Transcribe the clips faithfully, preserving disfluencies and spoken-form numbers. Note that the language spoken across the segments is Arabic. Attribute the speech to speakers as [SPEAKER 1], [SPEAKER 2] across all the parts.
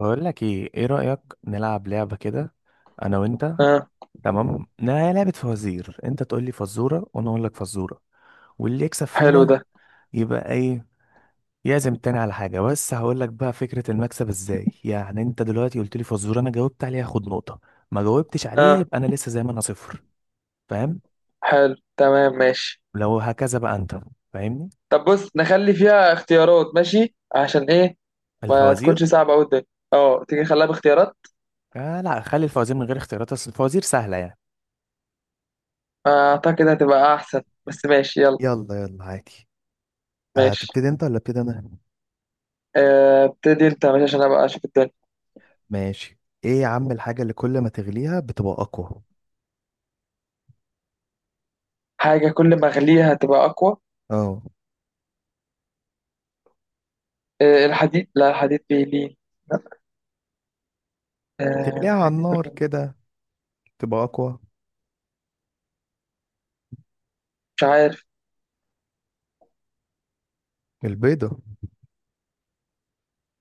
[SPEAKER 1] بقول لك ايه ايه رأيك نلعب لعبة كده؟ انا وانت.
[SPEAKER 2] اه.
[SPEAKER 1] تمام، لا هي لعبة فوازير، انت تقول لي فزورة وانا اقول لك فزورة، واللي يكسب
[SPEAKER 2] حلو
[SPEAKER 1] فينا
[SPEAKER 2] ده.
[SPEAKER 1] يبقى ايه؟ يعزم التاني على حاجة. بس هقول لك بقى فكرة المكسب ازاي. يعني انت دلوقتي قلت لي فزورة، انا جاوبت عليها، خد نقطة. ما جاوبتش عليها،
[SPEAKER 2] اه
[SPEAKER 1] يبقى انا لسه زي ما انا صفر. فاهم؟
[SPEAKER 2] حلو تمام، ماشي.
[SPEAKER 1] لو هكذا بقى انت فاهمني.
[SPEAKER 2] طب بص نخلي فيها اختيارات، ماشي. عشان ايه ما
[SPEAKER 1] الفوازير.
[SPEAKER 2] تكونش صعبة أوي الدنيا. اه تيجي نخليها باختيارات.
[SPEAKER 1] آه، لا، خلي الفوازير من غير اختيارات، اصل الفوازير سهلة يعني.
[SPEAKER 2] آه، اعتقد هتبقى احسن. بس ماشي يلا.
[SPEAKER 1] يلا يلا، عادي.
[SPEAKER 2] ماشي.
[SPEAKER 1] هتبتدي انت ولا ابتدي انا؟
[SPEAKER 2] آه، ابتدي انت ماشي عشان ابقى اشوف الدنيا.
[SPEAKER 1] ماشي. ايه يا عم الحاجة اللي كل ما تغليها بتبقى اقوى؟
[SPEAKER 2] حاجة كل ما اغليها هتبقى اقوى.
[SPEAKER 1] اه،
[SPEAKER 2] آه، الحديد. لا الحديد بيلين. لا. آه،
[SPEAKER 1] بتغليها على
[SPEAKER 2] حاجة كل
[SPEAKER 1] النار
[SPEAKER 2] ما...
[SPEAKER 1] كده تبقى اقوى.
[SPEAKER 2] مش عارف.
[SPEAKER 1] البيضة.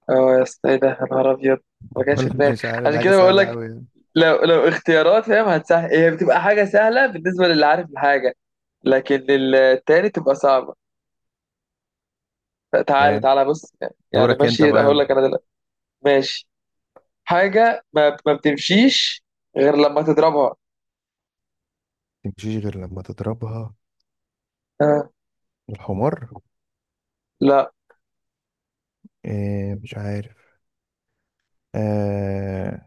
[SPEAKER 2] اه يا اسطى، ايه ده يا نهار ابيض. ما كانش في
[SPEAKER 1] ولا أنا
[SPEAKER 2] دماغي.
[SPEAKER 1] مش عارف، دي
[SPEAKER 2] عشان
[SPEAKER 1] حاجة
[SPEAKER 2] كده بقول
[SPEAKER 1] سهلة
[SPEAKER 2] لك،
[SPEAKER 1] اوي.
[SPEAKER 2] لو لو اختيارات فاهم هتسهل. هي بتبقى حاجة سهلة بالنسبة للي عارف الحاجة، لكن التاني تبقى صعبة. تعالى
[SPEAKER 1] ما،
[SPEAKER 2] تعالى بص. يعني
[SPEAKER 1] دورك انت
[SPEAKER 2] ماشي
[SPEAKER 1] بقى
[SPEAKER 2] هقول
[SPEAKER 1] يلا.
[SPEAKER 2] لك انا دلوقتي. ماشي. حاجة ما, ما بتمشيش غير لما تضربها.
[SPEAKER 1] متمشيش غير لما تضربها.
[SPEAKER 2] آه.
[SPEAKER 1] الحمار.
[SPEAKER 2] لا.
[SPEAKER 1] إيه، مش عارف. آه،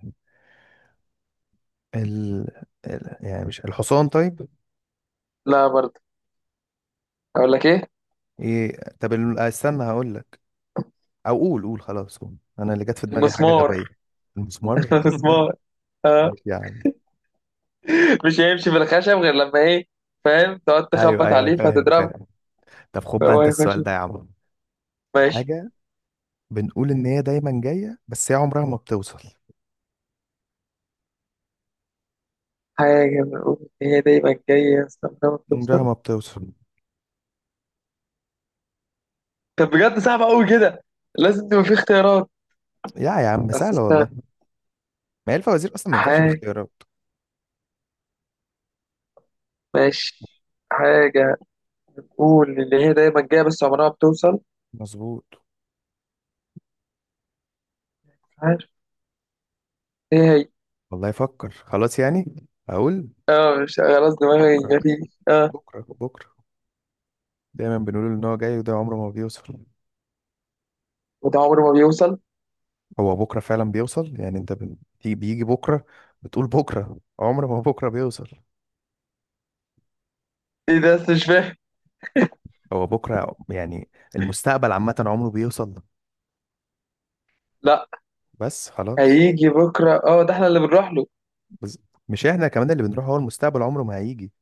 [SPEAKER 1] ال... ال... يعني مش الحصان طيب؟
[SPEAKER 2] لا برضه. اقول لك ايه.
[SPEAKER 1] ايه طب، ال- استنى هقول لك. او قول قول خلاص، قول انا اللي جت في دماغي حاجة
[SPEAKER 2] المسمار.
[SPEAKER 1] غبية. المسمار.
[SPEAKER 2] المسمار. آه.
[SPEAKER 1] ماشي يا عم.
[SPEAKER 2] مش هيمشي في الخشب غير لما ايه؟ فاهم، تقعد
[SPEAKER 1] ايوه،
[SPEAKER 2] تخبط
[SPEAKER 1] ايوه،
[SPEAKER 2] عليه
[SPEAKER 1] فاهم،
[SPEAKER 2] فتضربه،
[SPEAKER 1] فاهم. طب خد بقى
[SPEAKER 2] فهو
[SPEAKER 1] انت
[SPEAKER 2] هيخش.
[SPEAKER 1] السؤال ده يا عم.
[SPEAKER 2] ماشي.
[SPEAKER 1] حاجة بنقول إن هي دايما جاية، بس هي عمرها ما بتوصل.
[SPEAKER 2] حاجة بنقول إن هي دايما جاية، استنى، ما
[SPEAKER 1] عمرها
[SPEAKER 2] بتوصل.
[SPEAKER 1] ما بتوصل.
[SPEAKER 2] طب بجد صعبة أوي كده، لازم تبقى في اختيارات.
[SPEAKER 1] يا يا عم،
[SPEAKER 2] بس
[SPEAKER 1] سهلة والله.
[SPEAKER 2] استنى.
[SPEAKER 1] ما هي الفوازير أصلا ما ينفعش
[SPEAKER 2] حاجة.
[SPEAKER 1] باختيارات.
[SPEAKER 2] ماشي. حاجة. قول اللي هي دايما جايه بس عمرها ما بتوصل.
[SPEAKER 1] مظبوط.
[SPEAKER 2] عارف. ايه هي؟
[SPEAKER 1] والله يفكر، خلاص يعني أقول.
[SPEAKER 2] اه مش خلاص، دماغي
[SPEAKER 1] بكرة،
[SPEAKER 2] مفيش. اه
[SPEAKER 1] بكرة، بكرة. دايما بنقول إن هو جاي وده عمره ما بيوصل.
[SPEAKER 2] وده عمره ما بيوصل.
[SPEAKER 1] هو بكرة فعلا بيوصل، يعني أنت بن- بي- بيجي بكرة. بتقول بكرة عمره ما بكرة بيوصل.
[SPEAKER 2] ايه ده بس مش فاهم.
[SPEAKER 1] هو بكرة يعني المستقبل عامة عمره بيوصل.
[SPEAKER 2] لا
[SPEAKER 1] بس خلاص.
[SPEAKER 2] هيجي بكره، اه ده احنا اللي بنروح له.
[SPEAKER 1] بس مش احنا كمان اللي بنروح، هو المستقبل عمره ما هيجي.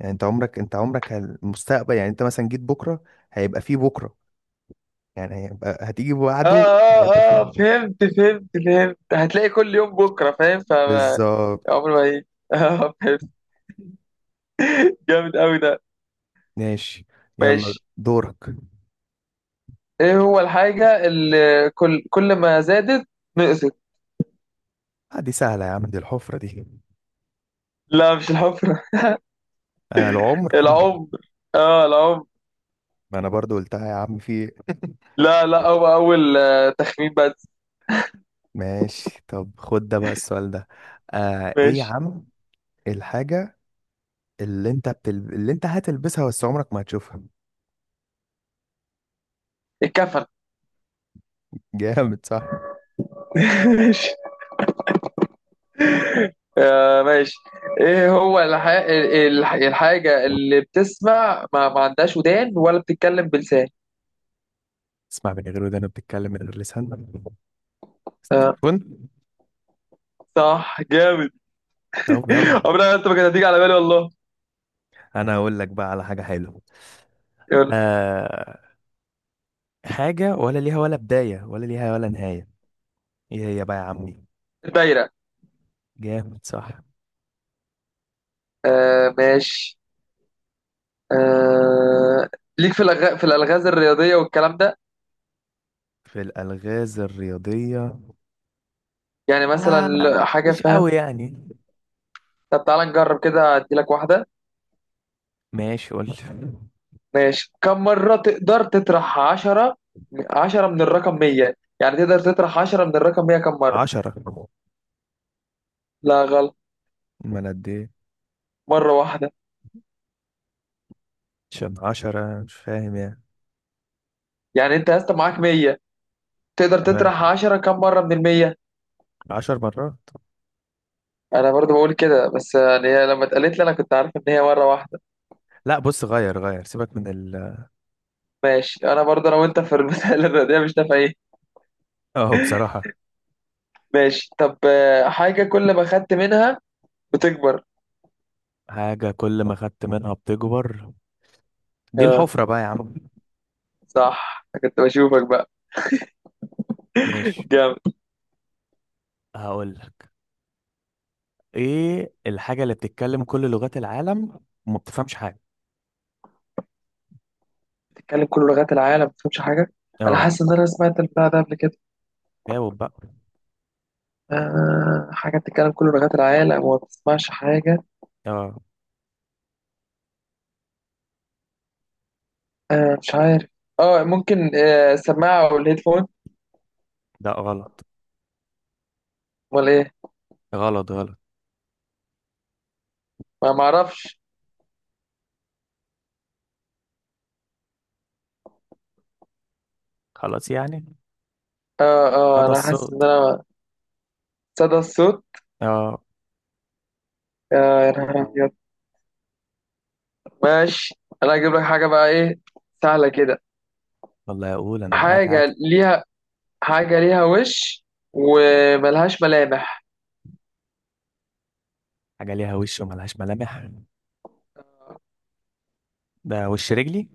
[SPEAKER 1] يعني انت عمرك انت عمرك هال- المستقبل، يعني انت مثلا جيت بكره هيبقى فيه بكره. يعني هيبقى هتيجي
[SPEAKER 2] اه
[SPEAKER 1] بعده
[SPEAKER 2] اه
[SPEAKER 1] هيبقى فيه
[SPEAKER 2] اه،
[SPEAKER 1] بكره.
[SPEAKER 2] فهمت فهمت فهمت، هتلاقي كل يوم بكره، فاهم، ف
[SPEAKER 1] بالظبط.
[SPEAKER 2] عمره ما هيجي. اه فهمت. جامد قوي ده.
[SPEAKER 1] ماشي، يلا
[SPEAKER 2] ماشي.
[SPEAKER 1] دورك.
[SPEAKER 2] ايه هو الحاجه اللي كل كل ما زادت نقصت؟
[SPEAKER 1] آه، دي سهله يا عم، دي الحفره دي.
[SPEAKER 2] لا مش الحفره.
[SPEAKER 1] آه، العمر.
[SPEAKER 2] العمر. اه العمر.
[SPEAKER 1] ما انا برضو قلتها يا عم في.
[SPEAKER 2] لا لا هو اول آه، تخمين بس.
[SPEAKER 1] ماشي، طب خد ده بقى السؤال ده. آه، ايه يا
[SPEAKER 2] ماشي.
[SPEAKER 1] عم الحاجه اللي انت بتل... اللي انت هتلبسها بس عمرك ما هتشوفها.
[SPEAKER 2] اتكفل.
[SPEAKER 1] جامد صح.
[SPEAKER 2] ماشي. آه، ماشي. ايه هو الح... الح... الحاجة اللي بتسمع ما, ما عندهاش ودان ولا بتتكلم بلسان؟
[SPEAKER 1] اسمع من غير ودانا، بتتكلم من غير لسان.
[SPEAKER 2] آه.
[SPEAKER 1] التليفون.
[SPEAKER 2] صح جامد.
[SPEAKER 1] طب يلا،
[SPEAKER 2] عمرها انت ما كانت هتيجي على بالي والله.
[SPEAKER 1] انا هقول لك بقى على حاجه حلوه.
[SPEAKER 2] يلا.
[SPEAKER 1] آه، حاجه ولا ليها ولا بدايه ولا ليها ولا نهايه. ايه هي بقى يا عمي؟
[SPEAKER 2] الدايرة.
[SPEAKER 1] جامد صح.
[SPEAKER 2] آه ماشي. آه. ليك في الأغ... في الألغاز الرياضية والكلام ده.
[SPEAKER 1] في الالغاز الرياضيه.
[SPEAKER 2] يعني
[SPEAKER 1] آه،
[SPEAKER 2] مثلا حاجة،
[SPEAKER 1] مش
[SPEAKER 2] فاهم.
[SPEAKER 1] قوي يعني.
[SPEAKER 2] طب تعالى نجرب كده، اديلك واحدة.
[SPEAKER 1] ماشي، قول.
[SPEAKER 2] ماشي. كم مرة تقدر تطرح عشرة؟ عشرة من الرقم مية. يعني تقدر تطرح عشرة من الرقم مية كم مرة؟
[SPEAKER 1] عشرة.
[SPEAKER 2] لا غلط.
[SPEAKER 1] ما انا قد ايه؟
[SPEAKER 2] مرة واحدة.
[SPEAKER 1] عشان عشرة مش فاهم يعني.
[SPEAKER 2] يعني انت يا اسطى معاك مية، تقدر
[SPEAKER 1] تمام،
[SPEAKER 2] تطرح عشرة كم مرة من المية؟
[SPEAKER 1] عشر مرات.
[SPEAKER 2] انا برضو بقول كده، بس يعني هي لما اتقالت لي انا كنت عارف ان هي مرة واحدة.
[SPEAKER 1] لا بص، غير غير سيبك من ال
[SPEAKER 2] ماشي، انا برضو انا وانت في المسائل الرياضية مش نافعين.
[SPEAKER 1] اه، بصراحة.
[SPEAKER 2] ماشي طب آه، حاجة كل ما خدت منها بتكبر.
[SPEAKER 1] حاجة كل ما خدت منها بتكبر. دي
[SPEAKER 2] اه
[SPEAKER 1] الحفرة بقى يا عم.
[SPEAKER 2] صح، أنا كنت بشوفك بقى.
[SPEAKER 1] ماشي،
[SPEAKER 2] جامد.
[SPEAKER 1] هقول. ايه الحاجة اللي بتتكلم كل لغات العالم وما بتفهمش حاجة؟
[SPEAKER 2] بتتكلم كل لغات العالم ما بتفهمش حاجة. انا
[SPEAKER 1] اه،
[SPEAKER 2] حاسس ان انا سمعت البتاع ده قبل كده.
[SPEAKER 1] جاوب بقى.
[SPEAKER 2] آه حاجة بتتكلم كل لغات العالم وما بتسمعش حاجة.
[SPEAKER 1] اه،
[SPEAKER 2] آه مش عارف. اه ممكن، آه السماعة او الهيدفون.
[SPEAKER 1] ده غلط،
[SPEAKER 2] امال ايه؟
[SPEAKER 1] غلط، غلط.
[SPEAKER 2] ما معرفش.
[SPEAKER 1] خلاص يعني.
[SPEAKER 2] اه اه
[SPEAKER 1] هذا
[SPEAKER 2] انا حاسس
[SPEAKER 1] الصوت.
[SPEAKER 2] ان انا... صدى الصوت.
[SPEAKER 1] اه.
[SPEAKER 2] آه يا نهار ابيض. ماشي. انا هجيب لك حاجه بقى، ايه سهله كده.
[SPEAKER 1] والله اقول انا معاك عادي.
[SPEAKER 2] حاجه ليها... حاجه ليها وش وملهاش ملامح.
[SPEAKER 1] حاجة ليها وش وملهاش ملامح. ده وش رجلي.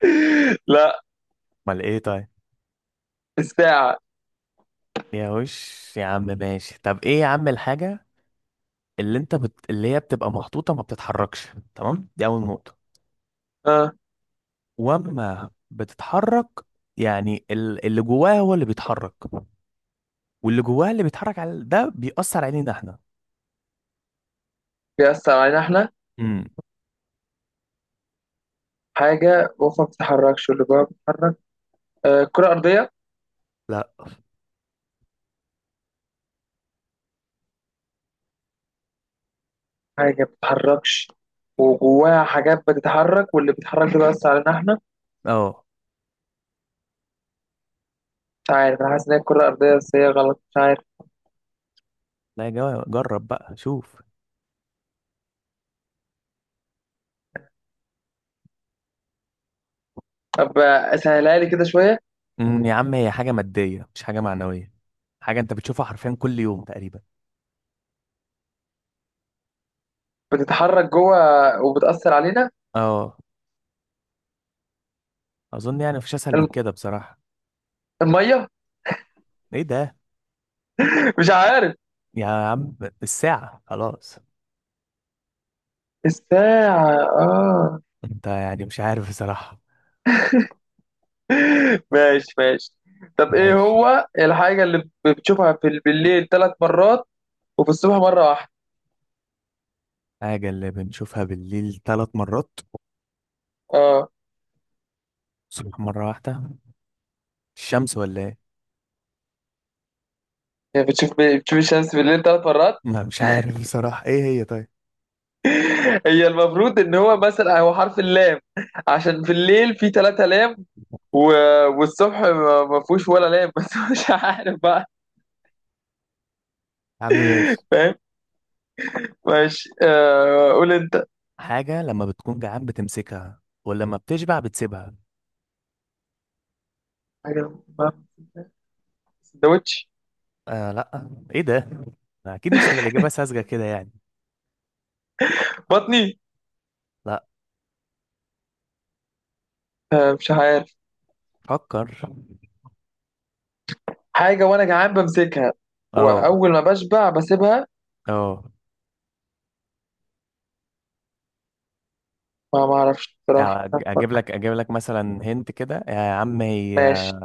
[SPEAKER 2] لا.
[SPEAKER 1] امال ايه طيب؟
[SPEAKER 2] الساعه.
[SPEAKER 1] ليها وش يا عم. ماشي، طب ايه يا عم الحاجة اللي انت بت... اللي هي بتبقى محطوطة ما بتتحركش. تمام، دي اول نقطة.
[SPEAKER 2] اه
[SPEAKER 1] واما بتتحرك، يعني ال- اللي جواها هو اللي بيتحرك، واللي جواها اللي بيتحرك على ده بيأثر علينا احنا.
[SPEAKER 2] بيأثر علينا احنا.
[SPEAKER 1] امم.
[SPEAKER 2] حاجه جوه ما بتتحركش واللي جواها بتتحرك. آه كره ارضيه.
[SPEAKER 1] لا.
[SPEAKER 2] حاجه ما بتتحركش وجواها حاجات بتتحرك واللي بيتحرك ده بيأثر علينا احنا.
[SPEAKER 1] اه.
[SPEAKER 2] مش عارف، انا حاسس ان هي الكره الارضيه بس هي غلط، مش عارف.
[SPEAKER 1] لا يا جماعة، جرب بقى شوف.
[SPEAKER 2] طب آه، سهلها لي كده شويه.
[SPEAKER 1] امم يا عم هي حاجة مادية مش حاجة معنوية. حاجة انت بتشوفها حرفيا كل يوم تقريبا.
[SPEAKER 2] بتتحرك جوه وبتأثر علينا.
[SPEAKER 1] اه، اظن يعني مفيش اسهل من
[SPEAKER 2] الم-
[SPEAKER 1] كده بصراحة.
[SPEAKER 2] المية.
[SPEAKER 1] ايه ده؟
[SPEAKER 2] مش عارف.
[SPEAKER 1] يا عم، الساعة. خلاص.
[SPEAKER 2] الساعة اه.
[SPEAKER 1] انت يعني مش عارف بصراحة.
[SPEAKER 2] ماشي ماشي. طب ايه
[SPEAKER 1] ماشي.
[SPEAKER 2] هو الحاجة اللي بتشوفها في بالليل ثلاث مرات وفي الصبح مرة واحدة؟
[SPEAKER 1] حاجة اللي بنشوفها بالليل ثلاث مرات،
[SPEAKER 2] اه.
[SPEAKER 1] الصبح مرة واحدة. الشمس ولا ايه؟
[SPEAKER 2] يعني بتشوف بتشوف الشمس بالليل ثلاث مرات.
[SPEAKER 1] ما، مش عارف بصراحة. ايه هي طيب؟
[SPEAKER 2] هي المفروض ان هو مثلا هو حرف اللام، عشان في الليل في ثلاثة لام و... والصبح ما ما فيهوش ولا لام. بس مش عارف بقى.
[SPEAKER 1] يا عم ماشي.
[SPEAKER 2] فاهم. ماشي، آه قول انت.
[SPEAKER 1] حاجة لما بتكون جعان بتمسكها ولما بتشبع بتسيبها.
[SPEAKER 2] حاجة ما- سندوتش.
[SPEAKER 1] آه، لا. ايه ده؟ اكيد مش تبقى الإجابة ساذجة كده يعني.
[SPEAKER 2] بطني.
[SPEAKER 1] لا،
[SPEAKER 2] آه، مش عارف.
[SPEAKER 1] فكر.
[SPEAKER 2] حاجة وأنا جعان بمسكها
[SPEAKER 1] اه،
[SPEAKER 2] وأول ما بشبع بسيبها.
[SPEAKER 1] اه.
[SPEAKER 2] ما معرفش بصراحة،
[SPEAKER 1] أو
[SPEAKER 2] مش
[SPEAKER 1] أج-
[SPEAKER 2] عارف
[SPEAKER 1] اجيب
[SPEAKER 2] أفكر.
[SPEAKER 1] لك اجيب لك مثلا، هنت كده يا عم، هي
[SPEAKER 2] ماشي.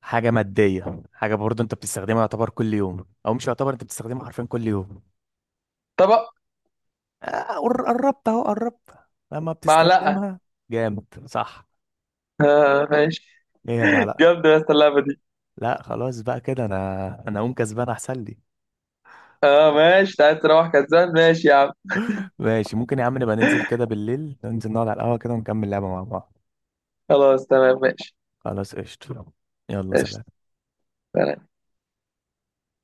[SPEAKER 1] حاجة مادية، حاجة برضو انت بتستخدمها يعتبر كل يوم، او مش يعتبر، انت بتستخدمها حرفيا كل يوم.
[SPEAKER 2] طبق.
[SPEAKER 1] آه، قر- قربت اهو، قربت. لما
[SPEAKER 2] معلقة.
[SPEAKER 1] بتستخدمها. جامد صح.
[SPEAKER 2] آه ماشي.
[SPEAKER 1] ايه هي؟ المعلقة.
[SPEAKER 2] جامدة يا أسطى اللعبة دي.
[SPEAKER 1] لا خلاص بقى كده، انا انا اقوم كسبان احسن لي.
[SPEAKER 2] اه ماشي، أنت عايز تروح كسبان، ماشي يا عم.
[SPEAKER 1] ماشي، ممكن يا عم نبقى ننزل كده بالليل، ننزل نقعد على القهوة كده ونكمل لعبة مع بعض.
[SPEAKER 2] خلاص تمام، ماشي.
[SPEAKER 1] خلاص، قشطة. يلا، سلام.
[SPEAKER 2] ماشي.